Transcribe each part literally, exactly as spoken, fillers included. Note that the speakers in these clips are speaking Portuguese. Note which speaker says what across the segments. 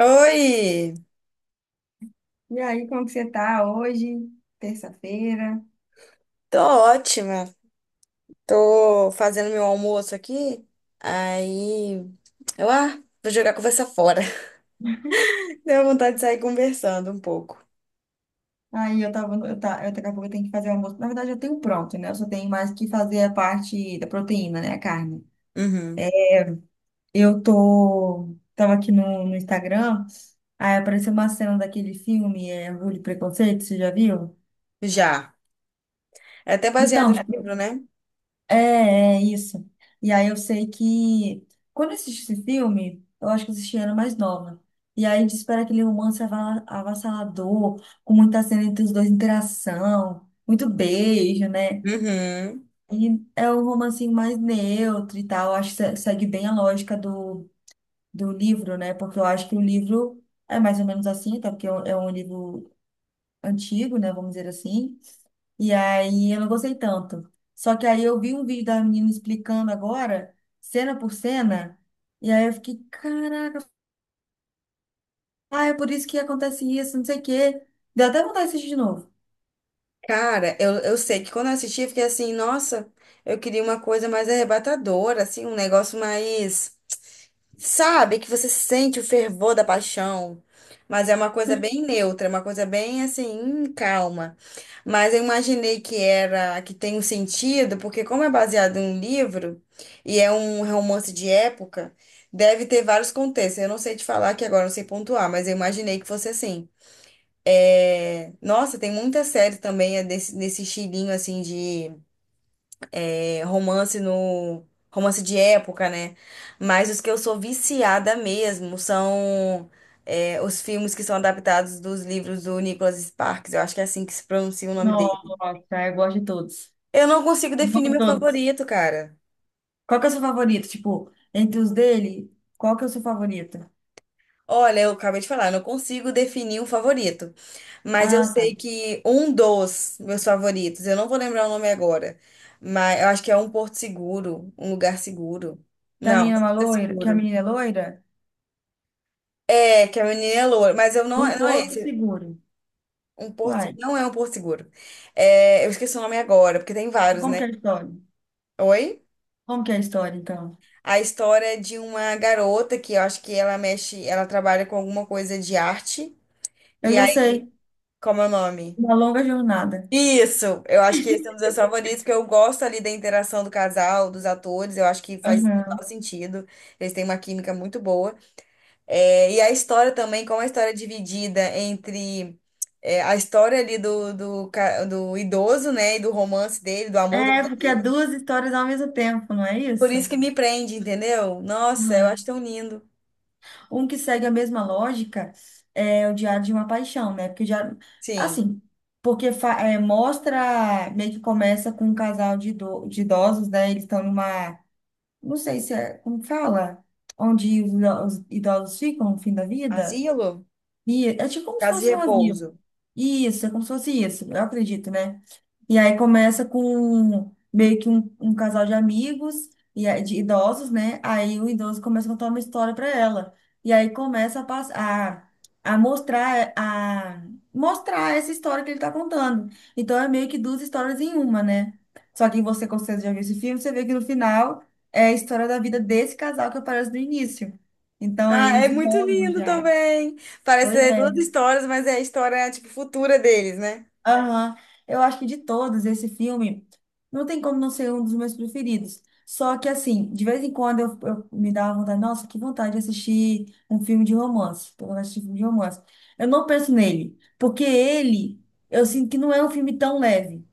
Speaker 1: Oi,
Speaker 2: E aí, como que você tá hoje? Terça-feira.
Speaker 1: tô ótima. Tô fazendo meu almoço aqui. Aí, eu, ah, vou jogar a conversa fora. Deu vontade de sair conversando um pouco.
Speaker 2: Aí eu tava, no- eu tá, eu daqui a pouco eu tenho que fazer o almoço. Na verdade, eu tenho pronto, né? Eu só tenho mais que fazer a parte da proteína, né? A carne.
Speaker 1: Uhum.
Speaker 2: Eu tô, tava aqui no, no Instagram, aí apareceu uma cena daquele filme, é, Orgulho e Preconceito, você já viu?
Speaker 1: Já. É até baseado
Speaker 2: Então,
Speaker 1: no
Speaker 2: tipo
Speaker 1: livro, né?
Speaker 2: É, é isso. E aí eu sei que quando eu assisti esse filme, eu acho que eu assisti era mais nova. E aí diz para aquele romance ava- avassalador, com muita cena entre os dois, interação, muito beijo, né?
Speaker 1: Uhum.
Speaker 2: E é um romancinho mais neutro e tal. Acho que se- segue bem a lógica do, do livro, né? Porque eu acho que o livro é mais ou menos assim, até porque é um é um livro antigo, né? Vamos dizer assim. E aí eu não gostei tanto. Só que aí eu vi um vídeo da menina explicando agora, cena por cena, e aí eu fiquei, caraca, ah, é por isso que acontece isso, não sei o quê. Deu até vontade de assistir de novo.
Speaker 1: Cara, eu, eu sei que quando eu assisti, eu fiquei assim, nossa, eu queria uma coisa mais arrebatadora, assim, um negócio mais. Sabe que você sente o fervor da paixão, mas é uma coisa bem neutra, é uma coisa bem assim, hum, calma. Mas eu imaginei que era, que tem um sentido, porque como é baseado em um livro e é um romance de época, deve ter vários contextos. Eu não sei te falar aqui agora, não sei pontuar, mas eu imaginei que fosse assim. É, nossa, tem muita série também é desse, nesse estilinho assim de é, romance no romance de época, né? Mas os que eu sou viciada mesmo são é, os filmes que são adaptados dos livros do Nicholas Sparks. Eu acho que é assim que se pronuncia o nome dele.
Speaker 2: Nossa, eu gosto de todos.
Speaker 1: Eu não consigo definir
Speaker 2: Amo
Speaker 1: meu
Speaker 2: todos.
Speaker 1: favorito, cara.
Speaker 2: Qual que é o seu favorito? Tipo, entre os dele, qual que é o seu favorito?
Speaker 1: Olha, eu acabei de falar, eu não consigo definir um favorito. Mas eu
Speaker 2: Ah, tá.
Speaker 1: sei que um dos meus favoritos, eu não vou lembrar o nome agora, mas eu acho que é um Porto Seguro, um lugar seguro.
Speaker 2: Que a
Speaker 1: Não, não
Speaker 2: menina é uma
Speaker 1: é
Speaker 2: loira, que a
Speaker 1: seguro.
Speaker 2: menina é loira?
Speaker 1: É, que é a menina é loura, mas eu não,
Speaker 2: Um
Speaker 1: não é
Speaker 2: porto
Speaker 1: esse.
Speaker 2: seguro.
Speaker 1: Um porto, se-
Speaker 2: Uai,
Speaker 1: não é um Porto Seguro. É, eu esqueci o nome agora, porque tem vários,
Speaker 2: como
Speaker 1: né?
Speaker 2: que é a história?
Speaker 1: Oi?
Speaker 2: Como que é a história, então?
Speaker 1: A história é de uma garota que eu acho que ela mexe, ela trabalha com alguma coisa de arte.
Speaker 2: Eu
Speaker 1: E aí,
Speaker 2: já sei.
Speaker 1: como é o nome?
Speaker 2: Uma longa jornada.
Speaker 1: Isso! Eu acho que esse é um dos meus favoritos, porque eu gosto ali da interação do casal, dos atores, eu acho que faz
Speaker 2: Aham.
Speaker 1: total sentido. Eles têm uma química muito boa. É, e a história também, como a história é dividida entre é, a história ali do, do, ca- do idoso, né? E do romance dele, do amor da
Speaker 2: É,
Speaker 1: vida
Speaker 2: porque é
Speaker 1: dele.
Speaker 2: duas histórias ao mesmo tempo, não é
Speaker 1: Por
Speaker 2: isso?
Speaker 1: isso que me prende, entendeu? Nossa, eu acho
Speaker 2: Aham.
Speaker 1: tão lindo.
Speaker 2: Um que segue a mesma lógica é o Diário de uma Paixão, né? Porque o diário,
Speaker 1: Sim.
Speaker 2: assim, porque fa- é, mostra, meio que começa com um casal de, ido- de idosos, né? Eles estão numa, não sei se é, como fala? Onde os, ido- os idosos ficam no fim da vida.
Speaker 1: Asilo?
Speaker 2: E é tipo como se
Speaker 1: Casa de
Speaker 2: fosse um asilo.
Speaker 1: repouso.
Speaker 2: Isso, é como se fosse isso, eu acredito, né? E aí começa com meio que um, um casal de amigos e aí- de idosos, né? Aí o idoso começa a contar uma história para ela. E aí começa a, pass- a, a mostrar a mostrar essa história que ele tá contando. Então é meio que duas histórias em uma, né? Só que você, com certeza, já viu esse filme, você vê que no final é a história da vida desse casal que aparece no início. Então, é
Speaker 1: Ah, é
Speaker 2: eles
Speaker 1: muito
Speaker 2: idosos
Speaker 1: lindo
Speaker 2: já.
Speaker 1: também. Parece
Speaker 2: Pois
Speaker 1: ser duas
Speaker 2: é.
Speaker 1: histórias, mas é a história, tipo, futura deles, né?
Speaker 2: Aham. Eu acho que de todos, esse filme não tem como não ser um dos meus preferidos. Só que, assim, de vez em quando eu, eu me dava vontade, nossa, que vontade de assistir um filme de romance. Tô vontade de assistir um filme de romance. Eu não penso nele, porque ele, eu sinto que não é um filme tão leve.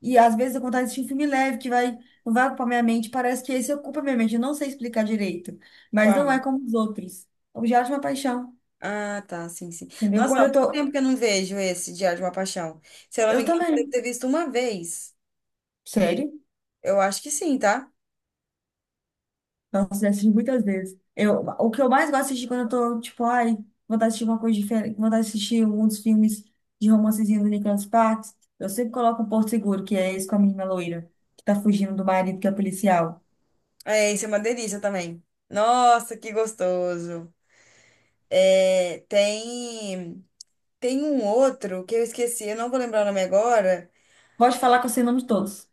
Speaker 2: E às vezes eu tenho vontade de assistir um filme leve que vai, não vai ocupar minha mente. Parece que esse ocupa minha mente. Eu não sei explicar direito, mas não
Speaker 1: Uau.
Speaker 2: é como os outros. Objeto de uma paixão,
Speaker 1: Ah, tá, sim, sim.
Speaker 2: entendeu?
Speaker 1: Nossa,
Speaker 2: Quando
Speaker 1: há
Speaker 2: eu
Speaker 1: muito
Speaker 2: tô.
Speaker 1: tempo que eu não vejo esse Diário de uma Paixão. Se eu não me
Speaker 2: Eu
Speaker 1: engano, eu devo
Speaker 2: também.
Speaker 1: ter visto uma vez.
Speaker 2: Sério?
Speaker 1: Eu acho que sim, tá?
Speaker 2: Nossa, já assisti muitas vezes. Eu, o que eu mais gosto de assistir quando eu tô, tipo, ai, vontade de assistir uma coisa diferente, vontade de assistir um dos filmes de romancezinho do Nicholas Sparks, eu sempre coloco o Porto Seguro, que é esse com a menina loira, que tá fugindo do marido, que é policial.
Speaker 1: É, isso é uma delícia também. Nossa, que gostoso. É, tem, tem um outro que eu esqueci, eu não vou lembrar o nome agora.
Speaker 2: Pode falar que eu sei o nome de todos.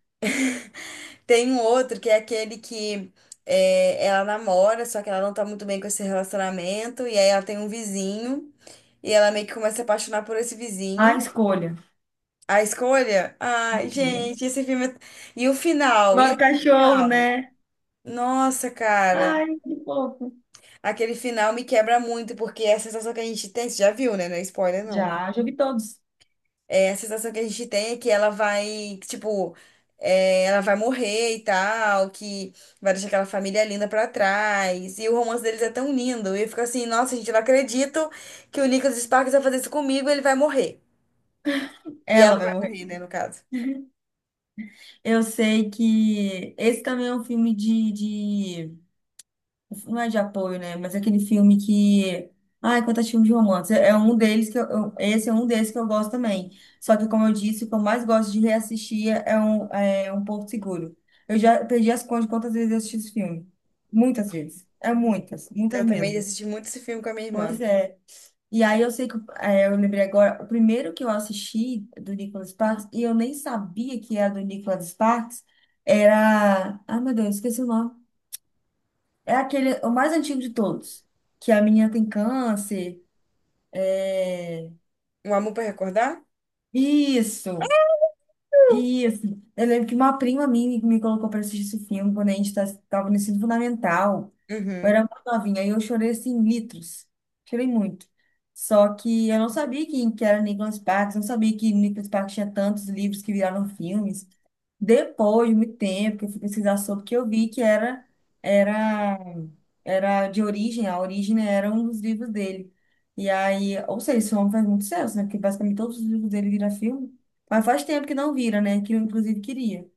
Speaker 1: Tem um outro que é aquele que é, ela namora, só que ela não tá muito bem com esse relacionamento, e aí ela tem um vizinho, e ela meio que começa a se apaixonar por esse
Speaker 2: A
Speaker 1: vizinho.
Speaker 2: escolha.
Speaker 1: A Escolha? Ai, gente, esse filme. É- E o final? E
Speaker 2: Nove
Speaker 1: aquele
Speaker 2: cachorro,
Speaker 1: final?
Speaker 2: né?
Speaker 1: Nossa, cara.
Speaker 2: Ai, que fofo.
Speaker 1: Aquele final me quebra muito, porque é a sensação que a gente tem. Você já viu, né? Não é spoiler, não, né?
Speaker 2: Já, já vi todos.
Speaker 1: É, a sensação que a gente tem é que ela vai, que, tipo, é, ela vai morrer e tal, que vai deixar aquela família linda pra trás. E o romance deles é tão lindo. E eu fico assim, nossa, gente, eu não acredito que o Nicholas Sparks vai fazer isso comigo, ele vai morrer. E
Speaker 2: Ela
Speaker 1: ela
Speaker 2: vai
Speaker 1: vai
Speaker 2: morrer.
Speaker 1: morrer, né, no caso.
Speaker 2: Eu sei que esse também é um filme de, Não é de apoio, né? Mas é aquele filme que. Ai, quantos filmes de romance. É um deles que eu, eu- Esse é um deles que eu gosto também. Só que, como eu disse, o que eu mais gosto de reassistir é um, é um Porto Seguro. Eu já perdi as contas de quantas vezes eu assisti esse filme. Muitas vezes. É muitas, muitas
Speaker 1: Eu também
Speaker 2: mesmo.
Speaker 1: assisti muito esse filme com a minha
Speaker 2: Pois
Speaker 1: irmã.
Speaker 2: é. E aí eu sei que é, eu lembrei agora, o primeiro que eu assisti do Nicholas Sparks, e eu nem sabia que era do Nicholas Sparks, era. Ai, meu Deus, esqueci o nome. É aquele, o mais antigo de todos. Que a menina tem câncer. É...
Speaker 1: Um Amor pra Recordar?
Speaker 2: Isso, isso. Eu lembro que uma prima minha me colocou para assistir esse filme quando a gente estava no ensino fundamental. Eu
Speaker 1: Uhum.
Speaker 2: era muito novinha e eu chorei assim, litros. Chorei muito. Só que eu não sabia quem que era Nicholas Sparks, não sabia que Nicholas Sparks tinha tantos livros que viraram filmes. Depois de muito tempo que eu fui pesquisar sobre, que eu vi que era era era de origem, a origem né, era um dos livros dele. E aí, ou seja, esse homem faz muito sucesso, né? Porque basicamente todos os livros dele viram filme. Mas faz tempo que não vira, né? Que eu, inclusive, queria.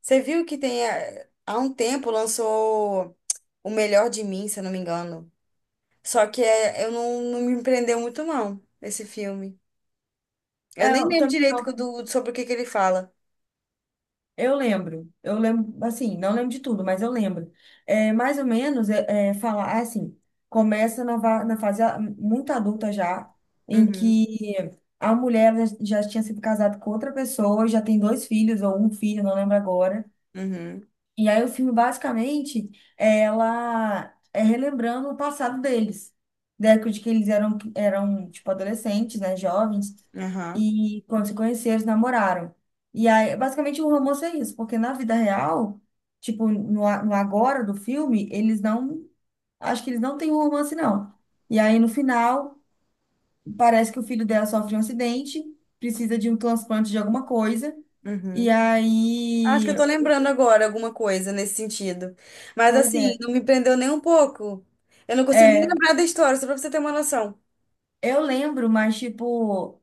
Speaker 1: Você viu que tem, eh, há um tempo lançou O Melhor de Mim, se eu não me engano. Só que eh, eu não, não me prendeu muito, não, esse filme. Eu
Speaker 2: É,
Speaker 1: nem
Speaker 2: eu
Speaker 1: lembro
Speaker 2: também
Speaker 1: direito co-
Speaker 2: não.
Speaker 1: do, sobre o que que ele fala.
Speaker 2: Eu lembro, eu lembro, assim, não lembro de tudo, mas eu lembro. É, mais ou menos, é, é, falar assim, começa na, va- na fase a- muito adulta já, em
Speaker 1: Uhum,
Speaker 2: que a mulher já já tinha sido casada com outra pessoa, já tem dois filhos ou um filho, não lembro agora.
Speaker 1: uhum,
Speaker 2: E aí o filme basicamente é ela é relembrando o passado deles, da época de que eles eram eram tipo adolescentes, né, jovens,
Speaker 1: aham,
Speaker 2: e quando se conheceram, se namoraram. E aí basicamente o romance é isso, porque na vida real, tipo no, a- no agora do filme, eles não acho que eles não têm um romance não. E aí no final parece que o filho dela sofre um acidente, precisa de um transplante de alguma coisa, e
Speaker 1: uhum. Acho
Speaker 2: aí,
Speaker 1: que eu tô lembrando agora alguma coisa nesse sentido. Mas
Speaker 2: pois
Speaker 1: assim,
Speaker 2: é.
Speaker 1: não me prendeu nem um pouco. Eu não consigo nem
Speaker 2: É,
Speaker 1: lembrar da história, só pra você ter uma noção.
Speaker 2: Eu lembro, mas, tipo,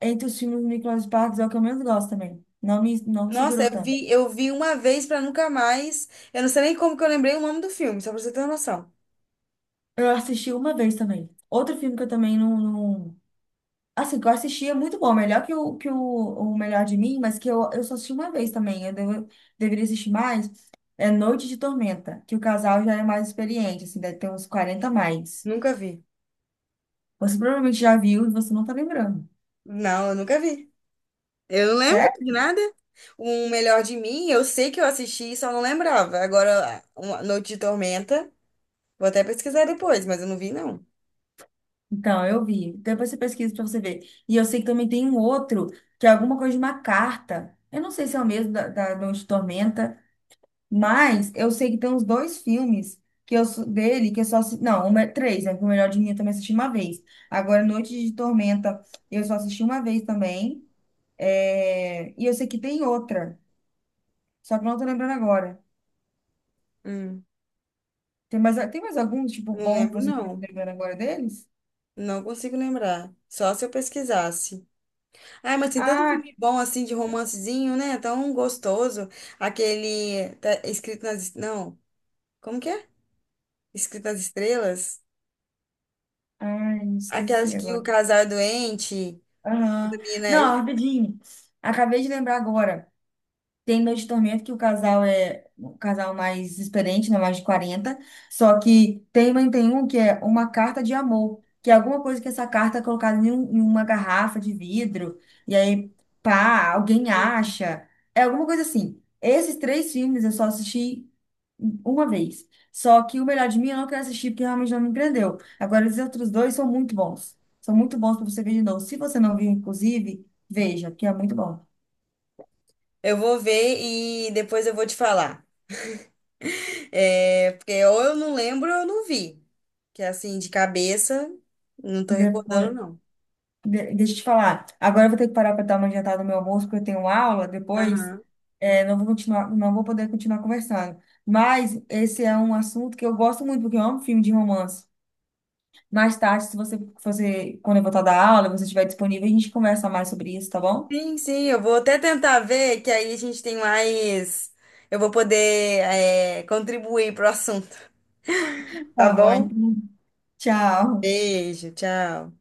Speaker 2: entre os filmes do Nicolas Sparks é o que eu menos gosto também. Não me, não me
Speaker 1: Nossa,
Speaker 2: segurou
Speaker 1: eu
Speaker 2: tanto.
Speaker 1: vi, eu vi uma vez pra nunca mais. Eu não sei nem como que eu lembrei o nome do filme, só pra você ter uma noção.
Speaker 2: Eu assisti uma vez também. Outro filme que eu também não, não- Assim, que eu assisti é muito bom. Melhor que o, que o, o Melhor de Mim, mas que eu, eu só assisti uma vez também. Eu devo- deveria assistir mais. É Noite de Tormenta, que o casal já é mais experiente, assim, deve ter uns quarenta a mais.
Speaker 1: Nunca vi.
Speaker 2: Você provavelmente já viu e você não tá lembrando.
Speaker 1: Não, eu nunca vi. Eu não lembro de nada. O Melhor de Mim, eu sei que eu assisti, só não lembrava. Agora, uma Noite de Tormenta. Vou até pesquisar depois, mas eu não vi, não.
Speaker 2: Então, eu vi. Depois você pesquisa para você ver. E eu sei que também tem um outro, que é alguma coisa de uma carta. Eu não sei se é o mesmo da, da Noite de Tormenta, mas eu sei que tem uns dois filmes que eu sou- dele que eu só assisti. Não, uma, é, três, né? Porque O Melhor de Mim eu também assisti uma vez. Agora, Noite de Tormenta, eu só assisti uma vez também. É, E eu sei que tem outra, só que eu não tô lembrando agora.
Speaker 1: Hum.
Speaker 2: Tem mais, tem mais algum, tipo,
Speaker 1: Não
Speaker 2: bom que
Speaker 1: lembro,
Speaker 2: você está
Speaker 1: não.
Speaker 2: lembrando agora deles?
Speaker 1: Não consigo lembrar. Só se eu pesquisasse. Ai, mas tem tanto
Speaker 2: Ah,
Speaker 1: filme bom assim de romancezinho, né? Tão gostoso. Aquele tá escrito nas. Não. Como que é? Escrito nas Estrelas.
Speaker 2: ai,
Speaker 1: Aquelas
Speaker 2: esqueci
Speaker 1: que o
Speaker 2: agora.
Speaker 1: casal é doente.
Speaker 2: Aham.
Speaker 1: Também, né?
Speaker 2: Não, rapidinho. Acabei de lembrar agora. Tem Noite de Tormento, que o casal é um casal mais experiente, né? Mais de quarenta, Só que tem, mas tem um que é uma carta de amor, que é alguma coisa que essa carta é colocada em, um- em uma garrafa de vidro, e aí, pá, alguém acha. É alguma coisa assim. Esses três filmes eu só assisti uma vez. Só que o Melhor de Mim eu não quero assistir porque realmente não me prendeu. Agora, os outros dois são muito bons. São muito bons para você ver de novo. Se você não viu, inclusive, veja, que é muito bom.
Speaker 1: Eu vou ver e depois eu vou te falar. É, porque ou eu não lembro ou eu não vi. Que assim, de cabeça, não tô recordando,
Speaker 2: Depois.
Speaker 1: não.
Speaker 2: De- deixa eu te falar. Agora eu vou ter que parar para dar uma adiantada no meu almoço, porque eu tenho aula depois.
Speaker 1: Aham.
Speaker 2: É, não vou continuar, não vou poder continuar conversando. Mas esse é um assunto que eu gosto muito, porque eu amo filme de romance. Mais tarde, se você, se você, quando eu voltar da aula, você estiver disponível, a gente conversa mais sobre isso, tá bom?
Speaker 1: Sim, sim, eu vou até tentar ver, que aí a gente tem mais. Eu vou poder, é, contribuir pro assunto, tá Tá
Speaker 2: Tá bom,
Speaker 1: bom?
Speaker 2: então. Tchau.
Speaker 1: Beijo, tchau.